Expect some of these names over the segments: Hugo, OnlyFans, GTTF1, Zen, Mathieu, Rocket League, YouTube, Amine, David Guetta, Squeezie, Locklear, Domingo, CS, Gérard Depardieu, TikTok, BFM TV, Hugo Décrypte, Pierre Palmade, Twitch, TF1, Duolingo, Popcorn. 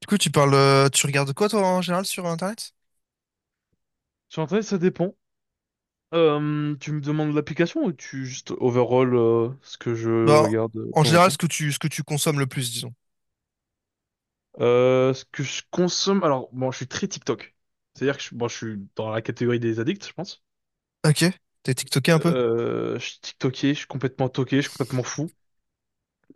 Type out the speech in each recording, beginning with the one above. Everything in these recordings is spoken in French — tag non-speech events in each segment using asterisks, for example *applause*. Du coup, tu parles, tu regardes quoi toi en général sur Internet? Sur Internet, ça dépend. Tu me demandes l'application ou tu juste overall ce que je Bah, regarde de en temps en général, ce temps? que tu, ce que tu consommes le plus, disons. Ce que je consomme, alors bon, je suis très TikTok. C'est-à-dire que je, bon, je suis dans la catégorie des addicts, je pense. Ok. T'es TikToké un peu? Je suis TikToké, je suis complètement toqué, je suis complètement fou.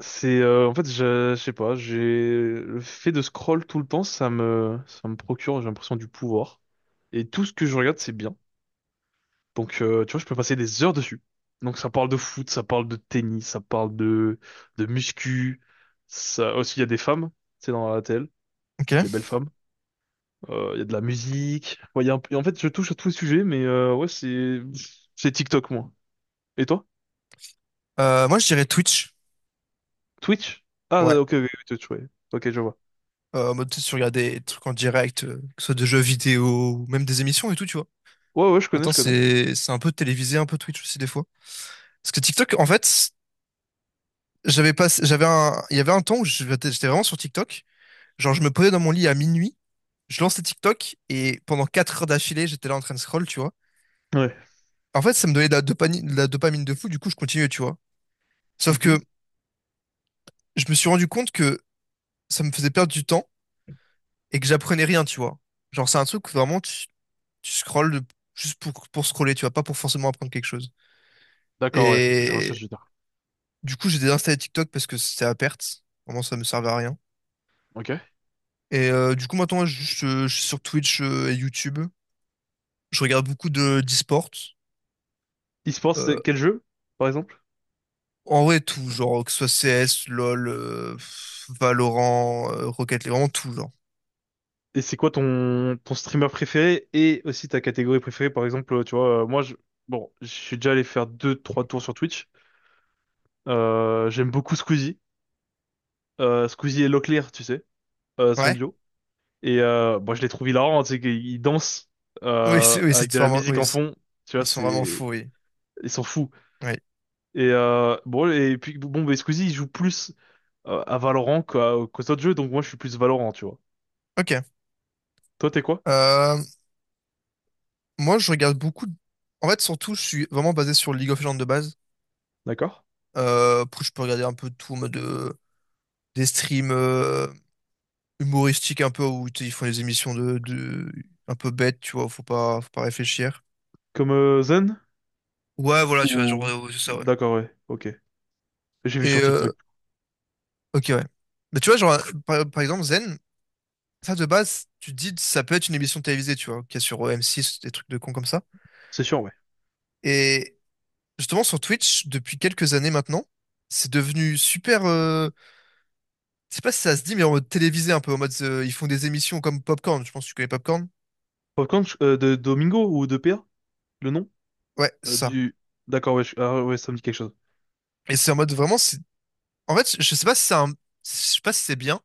C'est en fait, je sais pas, j'ai le fait de scroll tout le temps, ça me procure, j'ai l'impression du pouvoir. Et tout ce que je regarde, c'est bien. Donc, tu vois, je peux passer des heures dessus. Donc, ça parle de foot, ça parle de tennis, de muscu. Ça aussi, il y a des femmes, c'est dans la télé, Ok. des belles femmes. Il y a de la musique. Ouais, il y a un peu- En fait, je touche à tous les sujets, mais ouais, c'est TikTok, moi. Et toi? Moi, je dirais Twitch. Twitch? Ah, Ouais. Ok, ok, ok, Twitch, ouais. Ok, je vois. En mode, tu sais, tu regardes des trucs en direct, que ce soit de jeux vidéo, ou même des émissions et tout, tu vois. Ouais, ouais, je connais, Attends, je connais. c'est un peu télévisé, un peu Twitch aussi des fois. Parce que TikTok, en fait, j'avais pas, j'avais un, il y avait un temps où j'étais vraiment sur TikTok. Genre, je me posais dans mon lit à minuit, je lançais TikTok et pendant 4 heures d'affilée, j'étais là en train de scroll, tu vois. Ouais. En fait, ça me donnait de la dopamine, de la dopamine de fou, du coup, je continuais, tu vois. Sauf Mhm. que je me suis rendu compte que ça me faisait perdre du temps et que j'apprenais rien, tu vois. Genre, c'est un truc où vraiment tu scrolles juste pour scroller, tu vois, pas pour forcément apprendre quelque chose. D'accord, ouais, je vois ce Et que tu veux dire. du coup, j'ai désinstallé TikTok parce que c'était à perte. Vraiment, ça me servait à rien. Ok. Et du coup, maintenant, je suis sur Twitch et YouTube. Je regarde beaucoup de d'e-sport. E-sport, Euh, c'est quel jeu, par exemple? En vrai, tout, genre, que ce soit CS, LoL, Valorant, Rocket League, vraiment tout, genre. Et c'est quoi ton, ton streamer préféré et aussi ta catégorie préférée? Par exemple, tu vois, moi, je, bon, je suis déjà allé faire deux, trois tours sur Twitch. J'aime beaucoup Squeezie. Squeezie et Locklear, tu sais, son Ouais. duo. Et bon, je les trouve hilarants, tu sais, qu'ils dansent Oui, c'est avec de la vraiment. musique Oui, en fond. Tu vois, ils sont vraiment c'est, fous, oui. ils sont fous. Oui. Et bon, et puis bon, mais Squeezie, il joue plus à Valorant qu'aux autres jeux, donc moi, je suis plus Valorant, tu vois. Ok. Toi, t'es quoi? Euh, Moi, je regarde beaucoup. En fait, surtout, je suis vraiment basé sur League of Legends de base. D'accord? Après, je peux regarder un peu tout en mode des streams humoristiques un peu où tu sais, ils font des émissions de un peu bêtes, tu vois. Faut pas réfléchir. Comme Zen? Ouais, voilà, tu vois, genre, Ou... ouais, c'est ça, ouais. D'accord, ouais, ok. J'ai vu Et sur TikTok, ok, ouais. Mais tu vois, genre, par exemple, Zen, ça de base, tu te dis, ça peut être une émission télévisée, tu vois, qu'il y a sur m six des trucs de cons comme ça. c'est sûr, ouais. Et justement sur Twitch depuis quelques années maintenant. C'est devenu super. Je sais pas si ça se dit, mais en mode télévisé un peu, en mode ils font des émissions comme Popcorn. Je pense que tu connais Popcorn. Popcorn de Domingo ou de PA, le nom Ouais, c'est ça. du. D'accord, ouais, ouais, ça me dit quelque chose. Et c'est en mode vraiment. En fait, je sais pas si c'est un. Je sais pas si c'est bien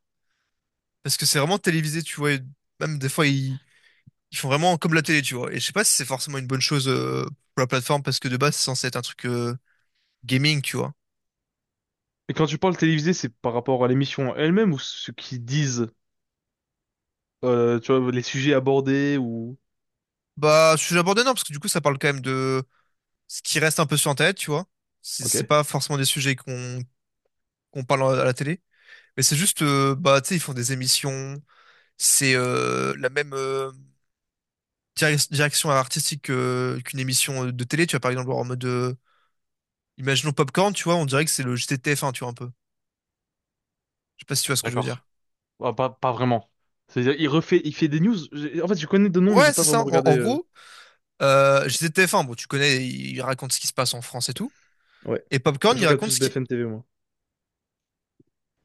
parce que c'est vraiment télévisé, tu vois. Et même des fois, ils font vraiment comme la télé, tu vois. Et je sais pas si c'est forcément une bonne chose pour la plateforme parce que de base, c'est censé être un truc gaming, tu vois. Et quand tu parles télévisé, c'est par rapport à l'émission elle-même ou ce qu'ils disent, tu vois, les sujets abordés ou. Bah, je suis abordé non parce que du coup, ça parle quand même de ce qui reste un peu sur Internet, tu vois. C'est Ok, c'est pas forcément des sujets qu'on parle à la télé. Mais c'est juste, bah, tu sais, ils font des émissions. C'est la même direction artistique qu'une émission de télé. Tu vois, par exemple, en mode, imaginons Popcorn, tu vois, on dirait que c'est le GTTF1, tu vois, un peu. Je sais pas si tu vois ce que je veux d'accord. dire. Ah, pas, pas vraiment. C'est-à-dire, il fait des news. En fait, je connais de nom, mais j'ai Ouais, pas c'est ça. vraiment En, regardé. en gros, GTTF1, bon, tu connais, il raconte ce qui se passe en France et tout. Ouais. Et Popcorn, Je il regarde raconte plus ce qui. BFM TV, moi.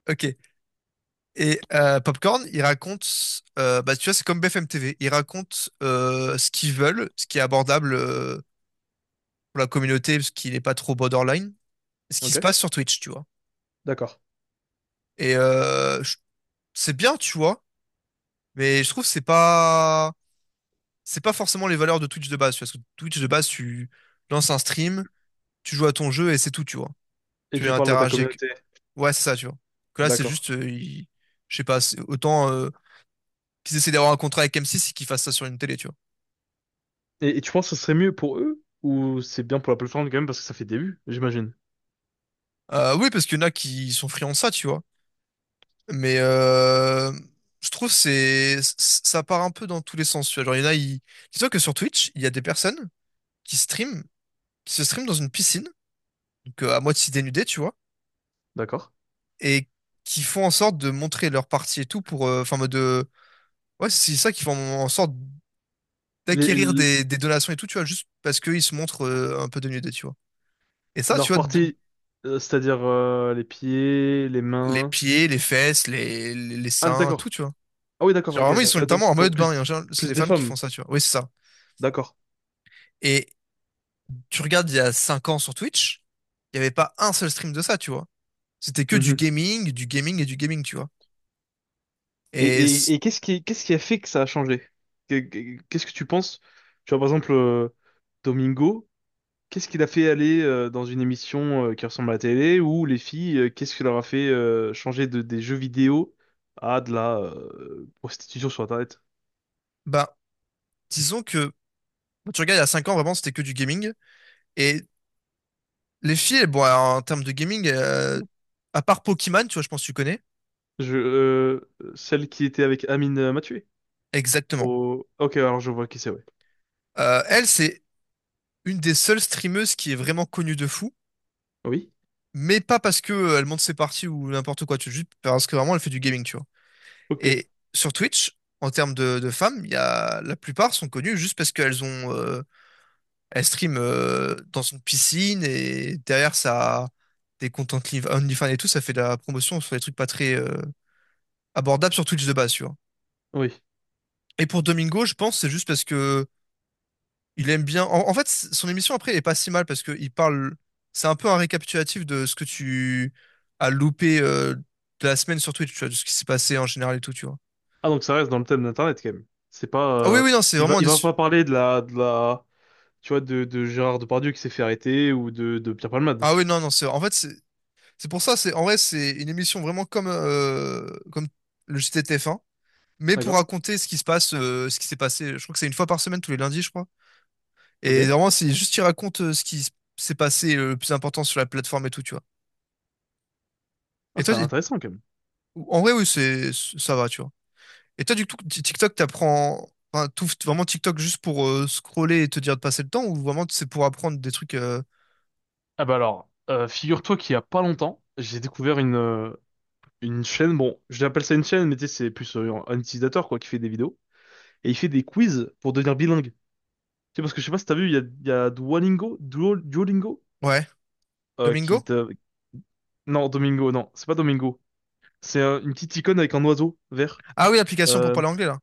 Ok. Et Popcorn, il raconte, bah, tu vois, c'est comme BFM TV. Ils racontent ce qu'ils veulent, ce qui est abordable, pour la communauté parce qu'il n'est pas trop borderline. Ce qui se Ok, passe sur Twitch, tu vois. d'accord. Et c'est bien, tu vois, mais je trouve que c'est pas forcément les valeurs de Twitch de base. Parce que Twitch de base, tu lances un stream, tu joues à ton jeu et c'est tout, tu vois. Et Tu tu parles à ta interagis avec. communauté, Ouais, c'est ça, tu vois. Que là, c'est d'accord. juste, je sais pas, autant qu'ils essaient d'avoir un contrat avec M6 et qu'ils fassent ça sur une télé, tu vois. Et tu penses que ce serait mieux pour eux ou c'est bien pour la plateforme quand même parce que ça fait début, j'imagine. Oui, parce qu'il y en a qui sont friands de ça, tu vois. Mais je trouve ça part un peu dans tous les sens, tu vois. Genre, il y en a, ils. Dis-toi que sur Twitch, il y a des personnes qui streament, qui se streament dans une piscine, donc à moitié dénudées, tu vois, D'accord. et qui font en sorte de montrer leur partie et tout pour, enfin, en mode, ouais, c'est ça qui font en sorte Les, d'acquérir l- des donations et tout, tu vois, juste parce qu'ils se montrent un peu dénudés, tu vois. Et ça, tu leurs vois, parties, c'est-à-dire les pieds, les les mains. pieds, les fesses, les Ah, seins, tout, d'accord. tu vois. Ah oui, d'accord, Genre, ok. vraiment, ils sont littéralement en donc mode bain, et en plus, général, c'est plus des des femmes qui font femmes, ça, tu vois. Oui, c'est ça. d'accord. Et tu regardes il y a 5 ans sur Twitch, il n'y avait pas un seul stream de ça, tu vois. C'était que Mhm. Du gaming et du gaming, tu vois. Et Et qu'est-ce qui a fait que ça a changé? Qu'est-ce que tu penses? Tu vois, par exemple, Domingo, qu'est-ce qu'il a fait aller dans une émission qui ressemble à la télé ou les filles, qu'est-ce qui leur a fait changer des jeux vidéo à de la prostitution sur Internet? bah, disons que bah, tu regardes il y a 5 ans, vraiment, c'était que du gaming. Et les filles, bon, alors, en termes de gaming, à part Pokémon, tu vois, je pense que tu connais. Celle qui était avec Amine Mathieu? Exactement. Oh, ok, alors je vois qui c'est, ouais. Elle, c'est une des seules streameuses qui est vraiment connue de fou. Oui? Mais pas parce que elle monte ses parties ou n'importe quoi, tu vois, juste parce que vraiment elle fait du gaming, tu vois. Ok. Et sur Twitch, en termes de femmes, il y a, la plupart sont connues juste parce qu'elles ont, elles streament dans une piscine et derrière ça, des comptes OnlyFans et tout, ça fait de la promotion sur des trucs pas très abordables sur Twitch de base, tu vois. Oui. Et pour Domingo, je pense que c'est juste parce que il aime bien. En fait, son émission après, elle est pas si mal parce que il parle. C'est un peu un récapitulatif de ce que tu as loupé de la semaine sur Twitch, tu vois, de ce qui s'est passé en général et tout, tu vois. Ah, donc ça reste dans le thème d'Internet, quand même. C'est Ah pas... oui, oui, non, c'est vraiment il des. va pas parler de la... De la... Tu vois, de Gérard Depardieu qui s'est fait arrêter ou de Pierre Palmade. Ah oui, non, non, c'est. En fait, C'est pour ça, c'est en vrai, c'est une émission vraiment comme le JT de TF1 mais pour D'accord? raconter ce qui se passe, ce qui s'est passé. Je crois que c'est une fois par semaine, tous les lundis, je crois. Et Ok. vraiment, c'est juste, il raconte ce qui s'est passé le plus important sur la plateforme et tout, tu vois. Ah, Et toi, ça a l'air intéressant, quand même. en vrai, oui, c'est, ça va, tu vois. Et toi, du coup, TikTok, t'apprends, enfin, tout, vraiment TikTok juste pour scroller et te dire de passer le temps, ou vraiment c'est pour apprendre des trucs, Ah bah alors, figure-toi qu'il y a pas longtemps, j'ai découvert une chaîne, bon, je l'appelle ça une chaîne, mais tu sais, c'est plus un utilisateur, quoi, qui fait des vidéos. Et il fait des quiz pour devenir bilingue. Tu sais, parce que je sais pas si t'as vu, il y a Duolingo, Duolingo ouais. Qui Domingo? te... Non, Domingo, non, c'est pas Domingo. C'est une petite icône avec un oiseau vert. Ah oui, l'application pour Euh, parler anglais, là.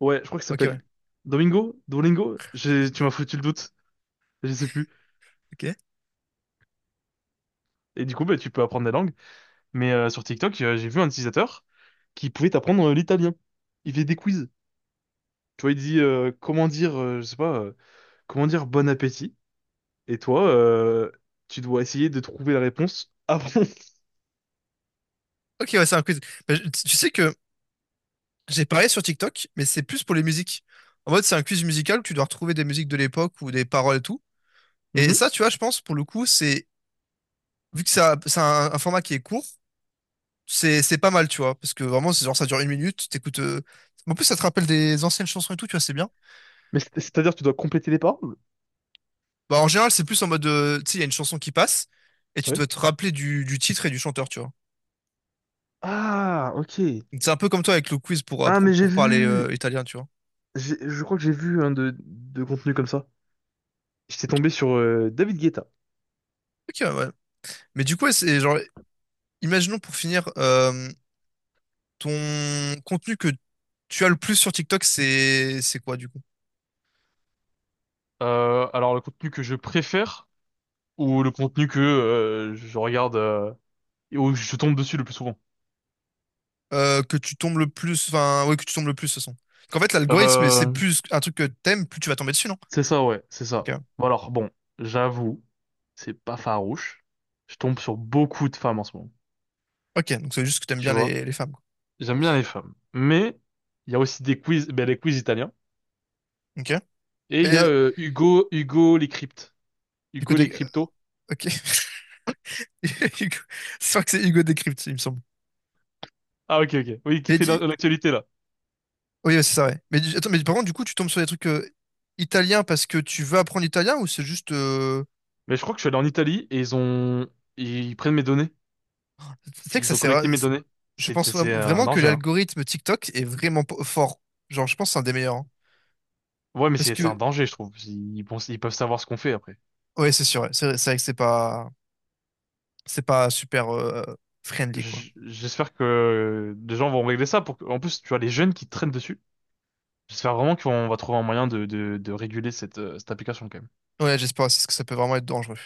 ouais, je crois qu'il Ok, s'appelle ouais. Domingo, Dolingo. Tu m'as foutu le doute, je sais plus. Ok. Et du coup, bah, tu peux apprendre des langues. Mais sur TikTok, j'ai vu un utilisateur qui pouvait t'apprendre l'italien. Il fait des quiz. Tu vois, il dit comment dire, je sais pas, comment dire bon appétit. Et toi, tu dois essayer de trouver la réponse avant. *laughs* Ok, ouais, c'est un quiz. Bah, tu sais que j'ai parlé sur TikTok, mais c'est plus pour les musiques. En mode, c'est un quiz musical où tu dois retrouver des musiques de l'époque ou des paroles et tout. Et Mhm. ça, tu vois, je pense, pour le coup, c'est, vu que un format qui est court, c'est pas mal, tu vois. Parce que vraiment, c'est genre, ça dure 1 minute, t'écoutes, en plus, ça te rappelle des anciennes chansons et tout, tu vois, c'est bien. Mais c'est-à-dire, tu dois compléter les paroles. Bah, en général, c'est plus en mode, tu sais, il y a une chanson qui passe, et tu Ouais. dois te rappeler du titre et du chanteur, tu vois. Ah, ok. Donc, c'est un peu comme toi avec le quiz pour, euh, Ah, pour, mais j'ai pour parler, vu, italien, tu vois. Je crois que j'ai vu un de contenu comme ça. J'étais tombé sur David Guetta. Ok, ouais. Mais du coup, ouais, c'est genre, imaginons pour finir, euh, ton contenu que tu as le plus sur TikTok, c'est quoi du coup? Alors le contenu que je préfère ou le contenu que je regarde et où je tombe dessus le plus souvent? Que tu tombes le plus, enfin ouais, que tu tombes le plus, ce sont. Qu'en fait, l'algorithme, c'est Euh, plus un truc que t'aimes, plus tu vas tomber dessus, non? c'est ça, ouais, c'est ça. Ok. Bon, alors bon, j'avoue, c'est pas farouche. Je tombe sur beaucoup de femmes en ce moment. Ok, donc c'est juste que t'aimes Tu bien vois, les femmes, quoi. j'aime bien les femmes, mais il y a aussi des quiz, ben, les quiz italiens Ok. et il y a Et Hugo, Hugo les cryptes, du coup, Hugo les cryptos. ok. *laughs* Hugo- Je crois que c'est Hugo Décrypte, il me semble. Ah ok ok. Oui, qui Mais fait l'actualité là. oui, ouais, c'est ça, ouais. Mais attends, mais par contre, du coup, tu tombes sur des trucs italiens parce que tu veux apprendre l'italien ou c'est juste, Mais je crois que je suis allé en Italie et ils prennent mes données. tu sais que ça Ils ont sert. collecté mes données. Je C'est pense vra- c'est un vraiment que danger hein. l'algorithme TikTok est vraiment fort. Genre, je pense que c'est un des meilleurs, hein. Ouais mais Parce c'est un que danger je trouve. Ils peuvent savoir ce qu'on fait après. ouais, c'est sûr, ouais. C'est vrai que c'est pas super friendly, quoi. J'espère que des gens vont régler ça pour que... En plus tu vois les jeunes qui traînent dessus. J'espère vraiment qu'on va trouver un moyen de réguler cette cette application quand même. Ouais, j'espère aussi parce que ça peut vraiment être dangereux.